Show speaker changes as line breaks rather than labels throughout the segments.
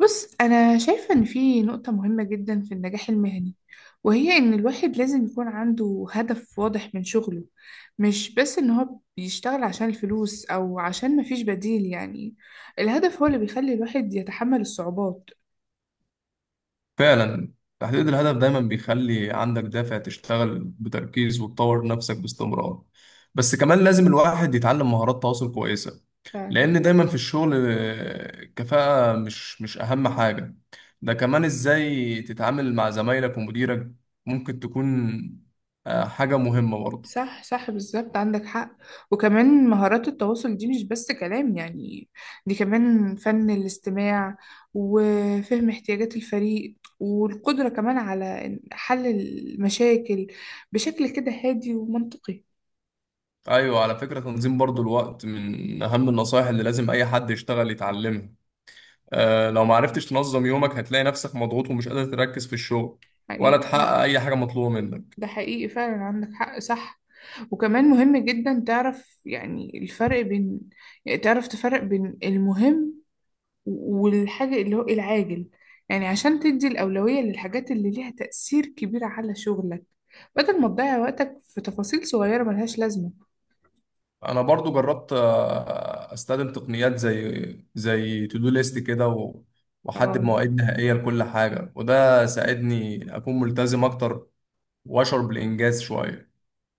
بص أنا شايفة إن في نقطة مهمة جدا في النجاح المهني، وهي إن الواحد لازم يكون عنده هدف واضح من شغله، مش بس إن هو بيشتغل عشان الفلوس أو عشان مفيش بديل يعني. الهدف هو اللي بيخلي الواحد يتحمل الصعوبات.
فعلا. تحديد الهدف دايما بيخلي عندك دافع تشتغل بتركيز وتطور نفسك باستمرار. بس كمان لازم الواحد يتعلم مهارات تواصل كويسة.
فعلا.
لأن دايما في الشغل كفاءة مش أهم حاجة. ده كمان إزاي تتعامل مع زمايلك ومديرك ممكن تكون حاجة مهمة برضه.
صح صح بالظبط عندك حق. وكمان مهارات التواصل دي مش بس كلام يعني، دي كمان فن الاستماع وفهم احتياجات الفريق والقدرة كمان على حل المشاكل بشكل كده هادي ومنطقي.
أيوة، على فكرة تنظيم برضه الوقت من أهم النصائح اللي لازم أي حد يشتغل يتعلمها. لو ما عرفتش تنظم يومك هتلاقي نفسك مضغوط ومش قادر تركز في الشغل ولا
حقيقي.
تحقق اي حاجه مطلوبه منك.
ده حقيقي فعلا عندك حق صح. وكمان مهم جدا تعرف يعني الفرق بين، يعني تعرف تفرق بين المهم والحاجة اللي هو إيه العاجل، يعني عشان تدي الأولوية للحاجات اللي ليها تأثير كبير على شغلك، بدل ما تضيع وقتك في تفاصيل صغيرة ملهاش لازمة.
انا برضو جربت استخدم تقنيات زي تو دو ليست كده واحدد
اه.
مواعيد نهائيه لكل حاجه، وده ساعدني اكون ملتزم اكتر واشعر بالانجاز شويه.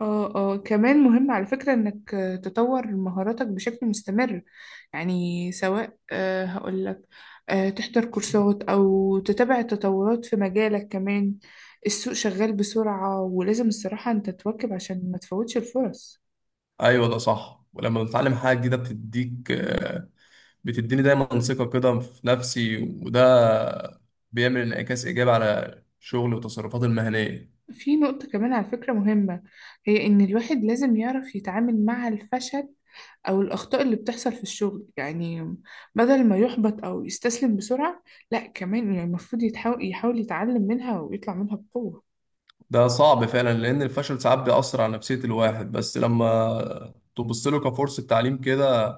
اه اه كمان مهم على فكرة انك تطور مهاراتك بشكل مستمر، يعني سواء هقولك تحضر كورسات او تتابع التطورات في مجالك كمان. السوق شغال بسرعة، ولازم الصراحة انت تواكب عشان ما تفوتش الفرص.
ايوه، ده صح، ولما بتتعلم حاجه جديده بتديك آه، بتديني دايما ثقه كده في نفسي، وده بيعمل انعكاس ايجابي على شغلي وتصرفاتي المهنيه.
في نقطة كمان على فكرة مهمة، هي إن الواحد لازم يعرف يتعامل مع الفشل أو الأخطاء اللي بتحصل في الشغل يعني، بدل ما يحبط أو يستسلم بسرعة، لا كمان يعني المفروض يحاول يتعلم منها ويطلع منها بقوة.
ده صعب فعلا لأن الفشل ساعات بيأثر على نفسية الواحد، بس لما تبص له كفرصة تعليم كده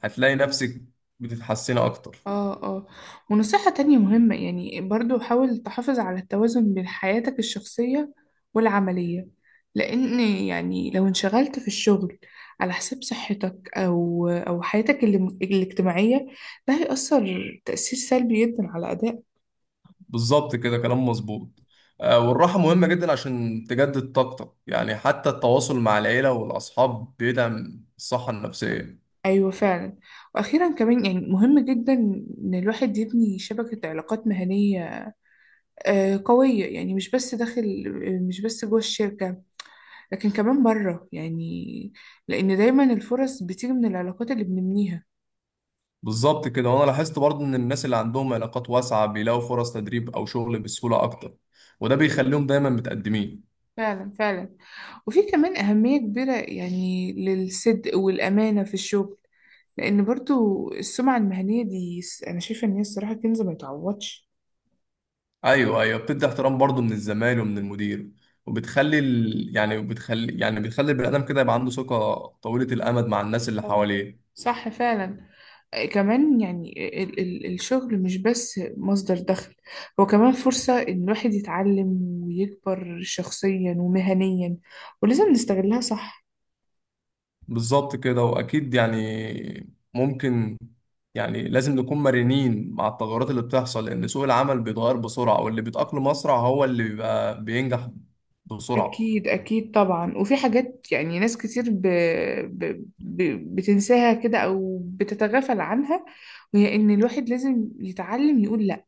هتلاقي نفسك بتتحسني أكتر.
اه اه. ونصيحة تانية مهمة يعني برضو، حاول تحافظ على التوازن بين حياتك الشخصية والعملية، لأن يعني لو انشغلت في الشغل على حساب صحتك أو حياتك الاجتماعية، ده هيأثر تأثير سلبي جدا على أداء.
بالظبط كده، كلام مظبوط. والراحة مهمة جدا عشان تجدد طاقتك، يعني حتى التواصل مع العيلة والأصحاب بيدعم الصحة النفسية.
أيوة فعلا. وأخيرا كمان يعني مهم جدا إن الواحد يبني شبكة علاقات مهنية قوية، يعني مش بس جوه الشركة، لكن كمان بره يعني، لأن دايما الفرص بتيجي من العلاقات اللي بنبنيها.
بالظبط كده، وأنا لاحظت برضه إن الناس اللي عندهم علاقات واسعة بيلاقوا فرص تدريب أو شغل بسهولة أكتر، وده بيخليهم دايما متقدمين.
فعلا فعلا. وفي كمان أهمية كبيرة يعني للصدق والأمانة في الشغل، لأن برضو السمعة المهنية دي أنا شايفة إن هي الصراحة كنز ما يتعوضش.
ايوه ايوه، بتدي احترام برضه من الزمايل ومن المدير، وبتخلي ال... يعني بتخلي يعني بتخلي البني ادم كده يبقى عنده ثقه طويله الامد مع الناس اللي
آه،
حواليه.
صح فعلا. كمان يعني ال ال الشغل مش بس مصدر دخل، هو كمان فرصة إن الواحد يتعلم ويكبر شخصيا ومهنيا، ولازم نستغلها صح.
بالظبط كده، واكيد يعني ممكن، يعني لازم نكون مرنين مع التغيرات اللي بتحصل، لان سوق العمل بيتغير بسرعه واللي بيتاقلم اسرع هو اللي بيبقى بينجح بسرعه.
أكيد أكيد طبعا. وفي حاجات يعني ناس كتير ب... ب... بتنساها كده أو بتتغافل عنها، وهي إن الواحد لازم يتعلم يقول لأ.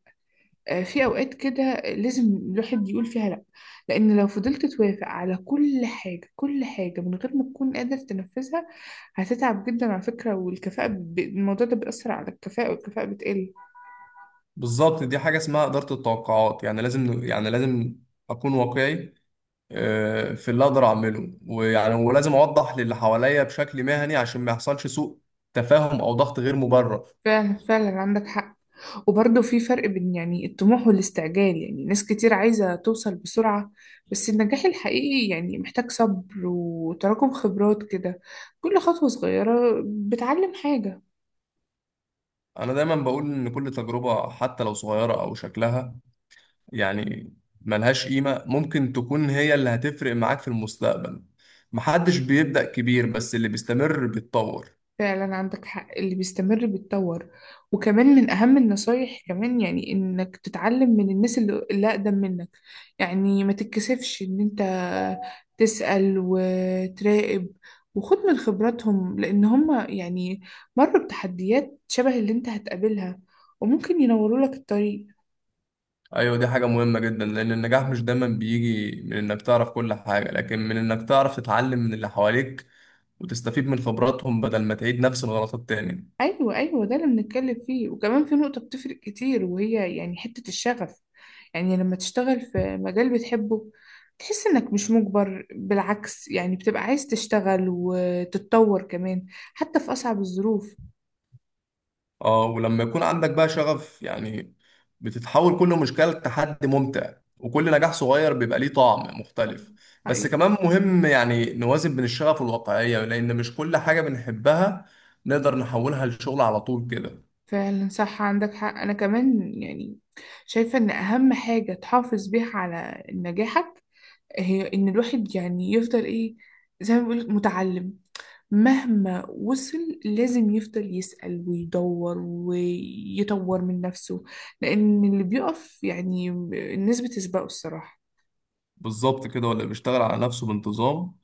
في أوقات كده لازم الواحد يقول فيها لأ، لأن لو فضلت توافق على كل حاجة كل حاجة من غير ما تكون قادر تنفذها، هتتعب جدا على فكرة. والكفاءة الموضوع ده بيأثر على الكفاءة، والكفاءة بتقل.
بالظبط، دي حاجه اسمها اداره التوقعات، يعني لازم اكون واقعي في اللي اقدر اعمله، ويعني ولازم اوضح للي حواليا بشكل مهني عشان ما يحصلش سوء تفاهم او ضغط غير مبرر.
فعلا فعلا عندك حق. وبرضه في فرق بين يعني الطموح والاستعجال، يعني ناس كتير عايزة توصل بسرعة، بس النجاح الحقيقي يعني محتاج صبر وتراكم خبرات كده. كل خطوة صغيرة بتعلم حاجة.
انا دايما بقول ان كل تجربة حتى لو صغيرة او شكلها يعني ملهاش قيمة ممكن تكون هي اللي هتفرق معاك في المستقبل. محدش بيبدأ كبير، بس اللي بيستمر بيتطور.
فعلا عندك حق، اللي بيستمر بيتطور. وكمان من أهم النصايح كمان يعني إنك تتعلم من الناس اللي أقدم منك، يعني ما تتكسفش إن أنت تسأل وتراقب وخد من خبراتهم، لأن هم يعني مروا بتحديات شبه اللي أنت هتقابلها وممكن ينوروا لك الطريق.
ايوه، دي حاجة مهمة جدا لان النجاح مش دايما بيجي من انك تعرف كل حاجة، لكن من انك تعرف تتعلم من اللي حواليك وتستفيد من خبراتهم بدل ما تعيد نفس الغلطات تاني.
ايوه ايوه، ده اللي بنتكلم فيه. وكمان في نقطة بتفرق كتير، وهي يعني حتة الشغف، يعني لما تشتغل في مجال بتحبه تحس انك مش مجبر، بالعكس يعني بتبقى عايز تشتغل وتتطور كمان حتى في اصعب الظروف.
اه، ولما يكون عندك بقى شغف، يعني بتتحول كل مشكلة لتحدي ممتع، وكل نجاح صغير بيبقى ليه طعم مختلف. بس
حقيقي.
كمان مهم يعني نوازن بين الشغف والواقعية، لأن مش كل حاجة بنحبها نقدر نحولها لشغل على طول كده.
فعلا صح عندك حق. انا كمان يعني شايفة ان اهم حاجة تحافظ بيها على نجاحك هي ان الواحد يعني يفضل ايه، زي ما بيقولك متعلم، مهما وصل لازم يفضل يسأل ويدور ويطور من نفسه، لأن اللي بيقف يعني الناس بتسبقه الصراحة.
بالظبط كده، واللي بيشتغل على نفسه بانتظام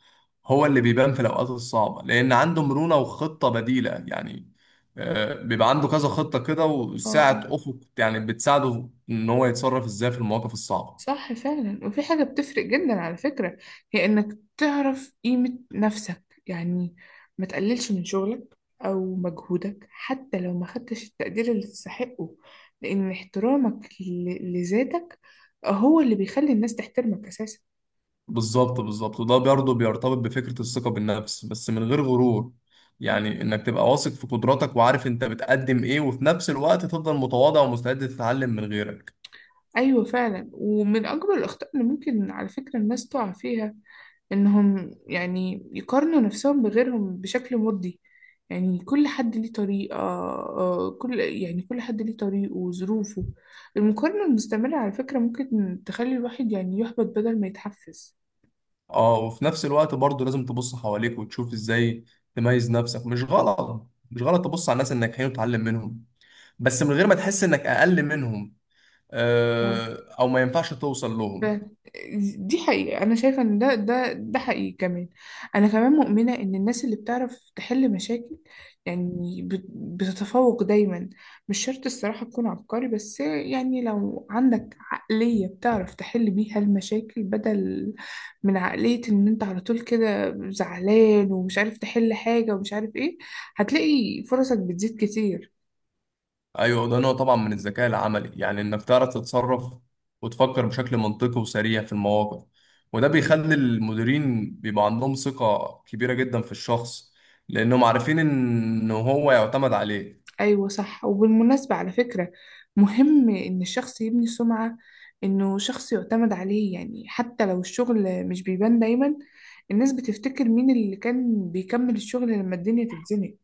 هو اللي بيبان في الأوقات الصعبة، لأن عنده مرونة وخطة بديلة. يعني بيبقى عنده كذا خطة كده
اه.
وساعة أفق، يعني بتساعده إن هو يتصرف إزاي في المواقف الصعبة.
صح فعلا. وفي حاجة بتفرق جدا على فكرة، هي إنك تعرف قيمة نفسك، يعني ما تقللش من شغلك أو مجهودك حتى لو ما خدتش التقدير اللي تستحقه، لأن احترامك لذاتك هو اللي بيخلي الناس تحترمك أساسا.
بالظبط بالظبط، وده برضه بيرتبط بفكرة الثقة بالنفس بس من غير غرور. يعني انك تبقى واثق في قدراتك وعارف انت بتقدم ايه، وفي نفس الوقت تفضل متواضع ومستعد تتعلم من غيرك.
أيوة فعلا. ومن أكبر الأخطاء اللي ممكن على فكرة الناس تقع فيها إنهم يعني يقارنوا نفسهم بغيرهم بشكل مرضي، يعني كل حد ليه طريقة آه، كل يعني كل حد ليه طريقه وظروفه. المقارنة المستمرة على فكرة ممكن تخلي الواحد يعني يحبط بدل ما يتحفز.
اه، وفي نفس الوقت برضه لازم تبص حواليك وتشوف ازاي تميز نفسك. مش غلط تبص على الناس الناجحين وتتعلم منهم، بس من غير ما تحس انك اقل منهم
يعني
او ما ينفعش توصل
ف-
لهم.
دي حقيقة، أنا شايفة إن ده حقيقي كمان. أنا كمان مؤمنة إن الناس اللي بتعرف تحل مشاكل يعني بتتفوق دايما. مش شرط الصراحة تكون عبقري، بس يعني لو عندك عقلية بتعرف تحل بيها المشاكل، بدل من عقلية إن أنت على طول كده زعلان ومش عارف تحل حاجة ومش عارف إيه، هتلاقي فرصك بتزيد كتير.
ايوه، ده نوع طبعا من الذكاء العملي، يعني انك تعرف تتصرف وتفكر بشكل منطقي وسريع في المواقف، وده بيخلي المديرين بيبقى عندهم ثقة كبيرة جدا في الشخص لانهم عارفين ان هو يعتمد عليه.
أيوة صح. وبالمناسبة على فكرة، مهم إن الشخص يبني سمعة إنه شخص يعتمد عليه، يعني حتى لو الشغل مش بيبان دايما، الناس بتفتكر مين اللي كان بيكمل الشغل لما الدنيا تتزنق.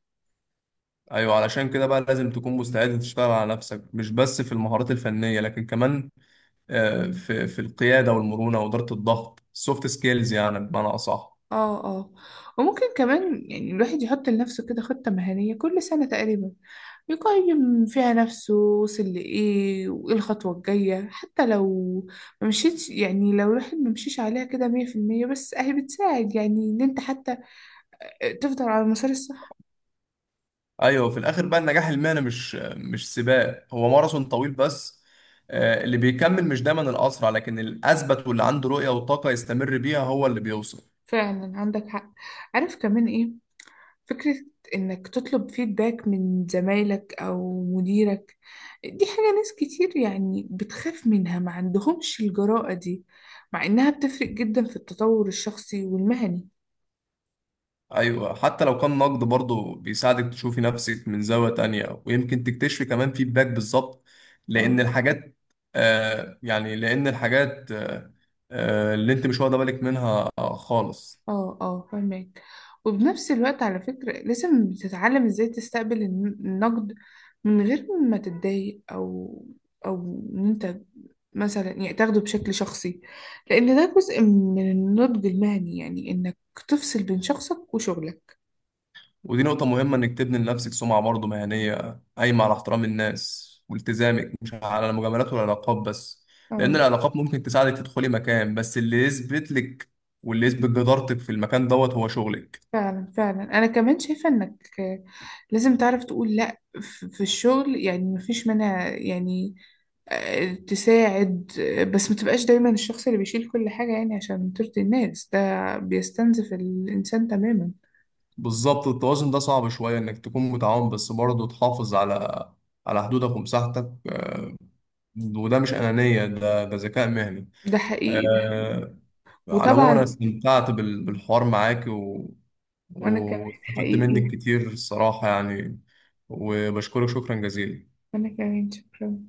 ايوه، علشان كده بقى لازم تكون مستعد تشتغل على نفسك، مش بس في المهارات الفنية لكن كمان في القيادة والمرونة وإدارة الضغط، السوفت سكيلز يعني بمعنى أصح.
اه اه. وممكن كمان يعني الواحد يحط لنفسه كده خطة مهنية كل سنة تقريبا، يقيم فيها نفسه وصل لإيه وإيه الخطوة الجاية، حتى لو ما مشيتش، يعني لو الواحد ما مشيش عليها كده 100%، بس أهي بتساعد يعني إن أنت حتى تفضل على المسار الصح.
ايوه، في الاخر بقى النجاح المهني مش سباق، هو ماراثون طويل. بس اللي بيكمل مش دايما الاسرع، لكن الاثبت، واللي عنده رؤيه وطاقه يستمر بيها هو اللي بيوصل.
فعلا عندك حق. عارف كمان ايه؟ فكرة انك تطلب فيدباك من زمايلك او مديرك، دي حاجة ناس كتير يعني بتخاف منها، ما عندهمش الجرأة دي، مع انها بتفرق جدا في التطور الشخصي والمهني.
ايوه، حتى لو كان نقد برضه بيساعدك تشوفي نفسك من زاويه تانية، ويمكن تكتشفي كمان فيدباك بالظبط،
اه
لان الحاجات اللي انت مش واخده بالك منها خالص.
اه اه، فهمك. وبنفس الوقت على فكرة لازم تتعلم ازاي تستقبل النقد من غير ما تتضايق او ان انت مثلا يعني تاخده بشكل شخصي، لان ده جزء من النضج المهني، يعني انك تفصل بين شخصك وشغلك.
ودي نقطة مهمة، إنك تبني لنفسك سمعة برضه مهنية قايمة على احترام الناس والتزامك، مش على المجاملات والعلاقات بس. لأن
اه.
العلاقات ممكن تساعدك تدخلي مكان، بس اللي يثبت لك، واللي يثبت جدارتك في المكان دوت هو شغلك.
فعلا فعلا. انا كمان شايفة انك لازم تعرف تقول لا في الشغل، يعني مفيش منها، يعني تساعد، بس ما تبقاش دايما الشخص اللي بيشيل كل حاجة يعني عشان ترضي الناس، ده بيستنزف الإنسان تماما.
بالظبط، التوازن ده صعب شوية، إنك تكون متعاون بس برضه تحافظ على على حدودك ومساحتك. وده مش أنانية، ده ذكاء مهني.
ده حقيقي ده حقيقي.
آه، على العموم انا
وطبعا.
استمتعت بالحوار معاك
وأنا كمان.
واستفدت
حقيقي.
منك كتير الصراحة يعني، وبشكرك شكرا جزيلا.
وأنا كمان شكرا.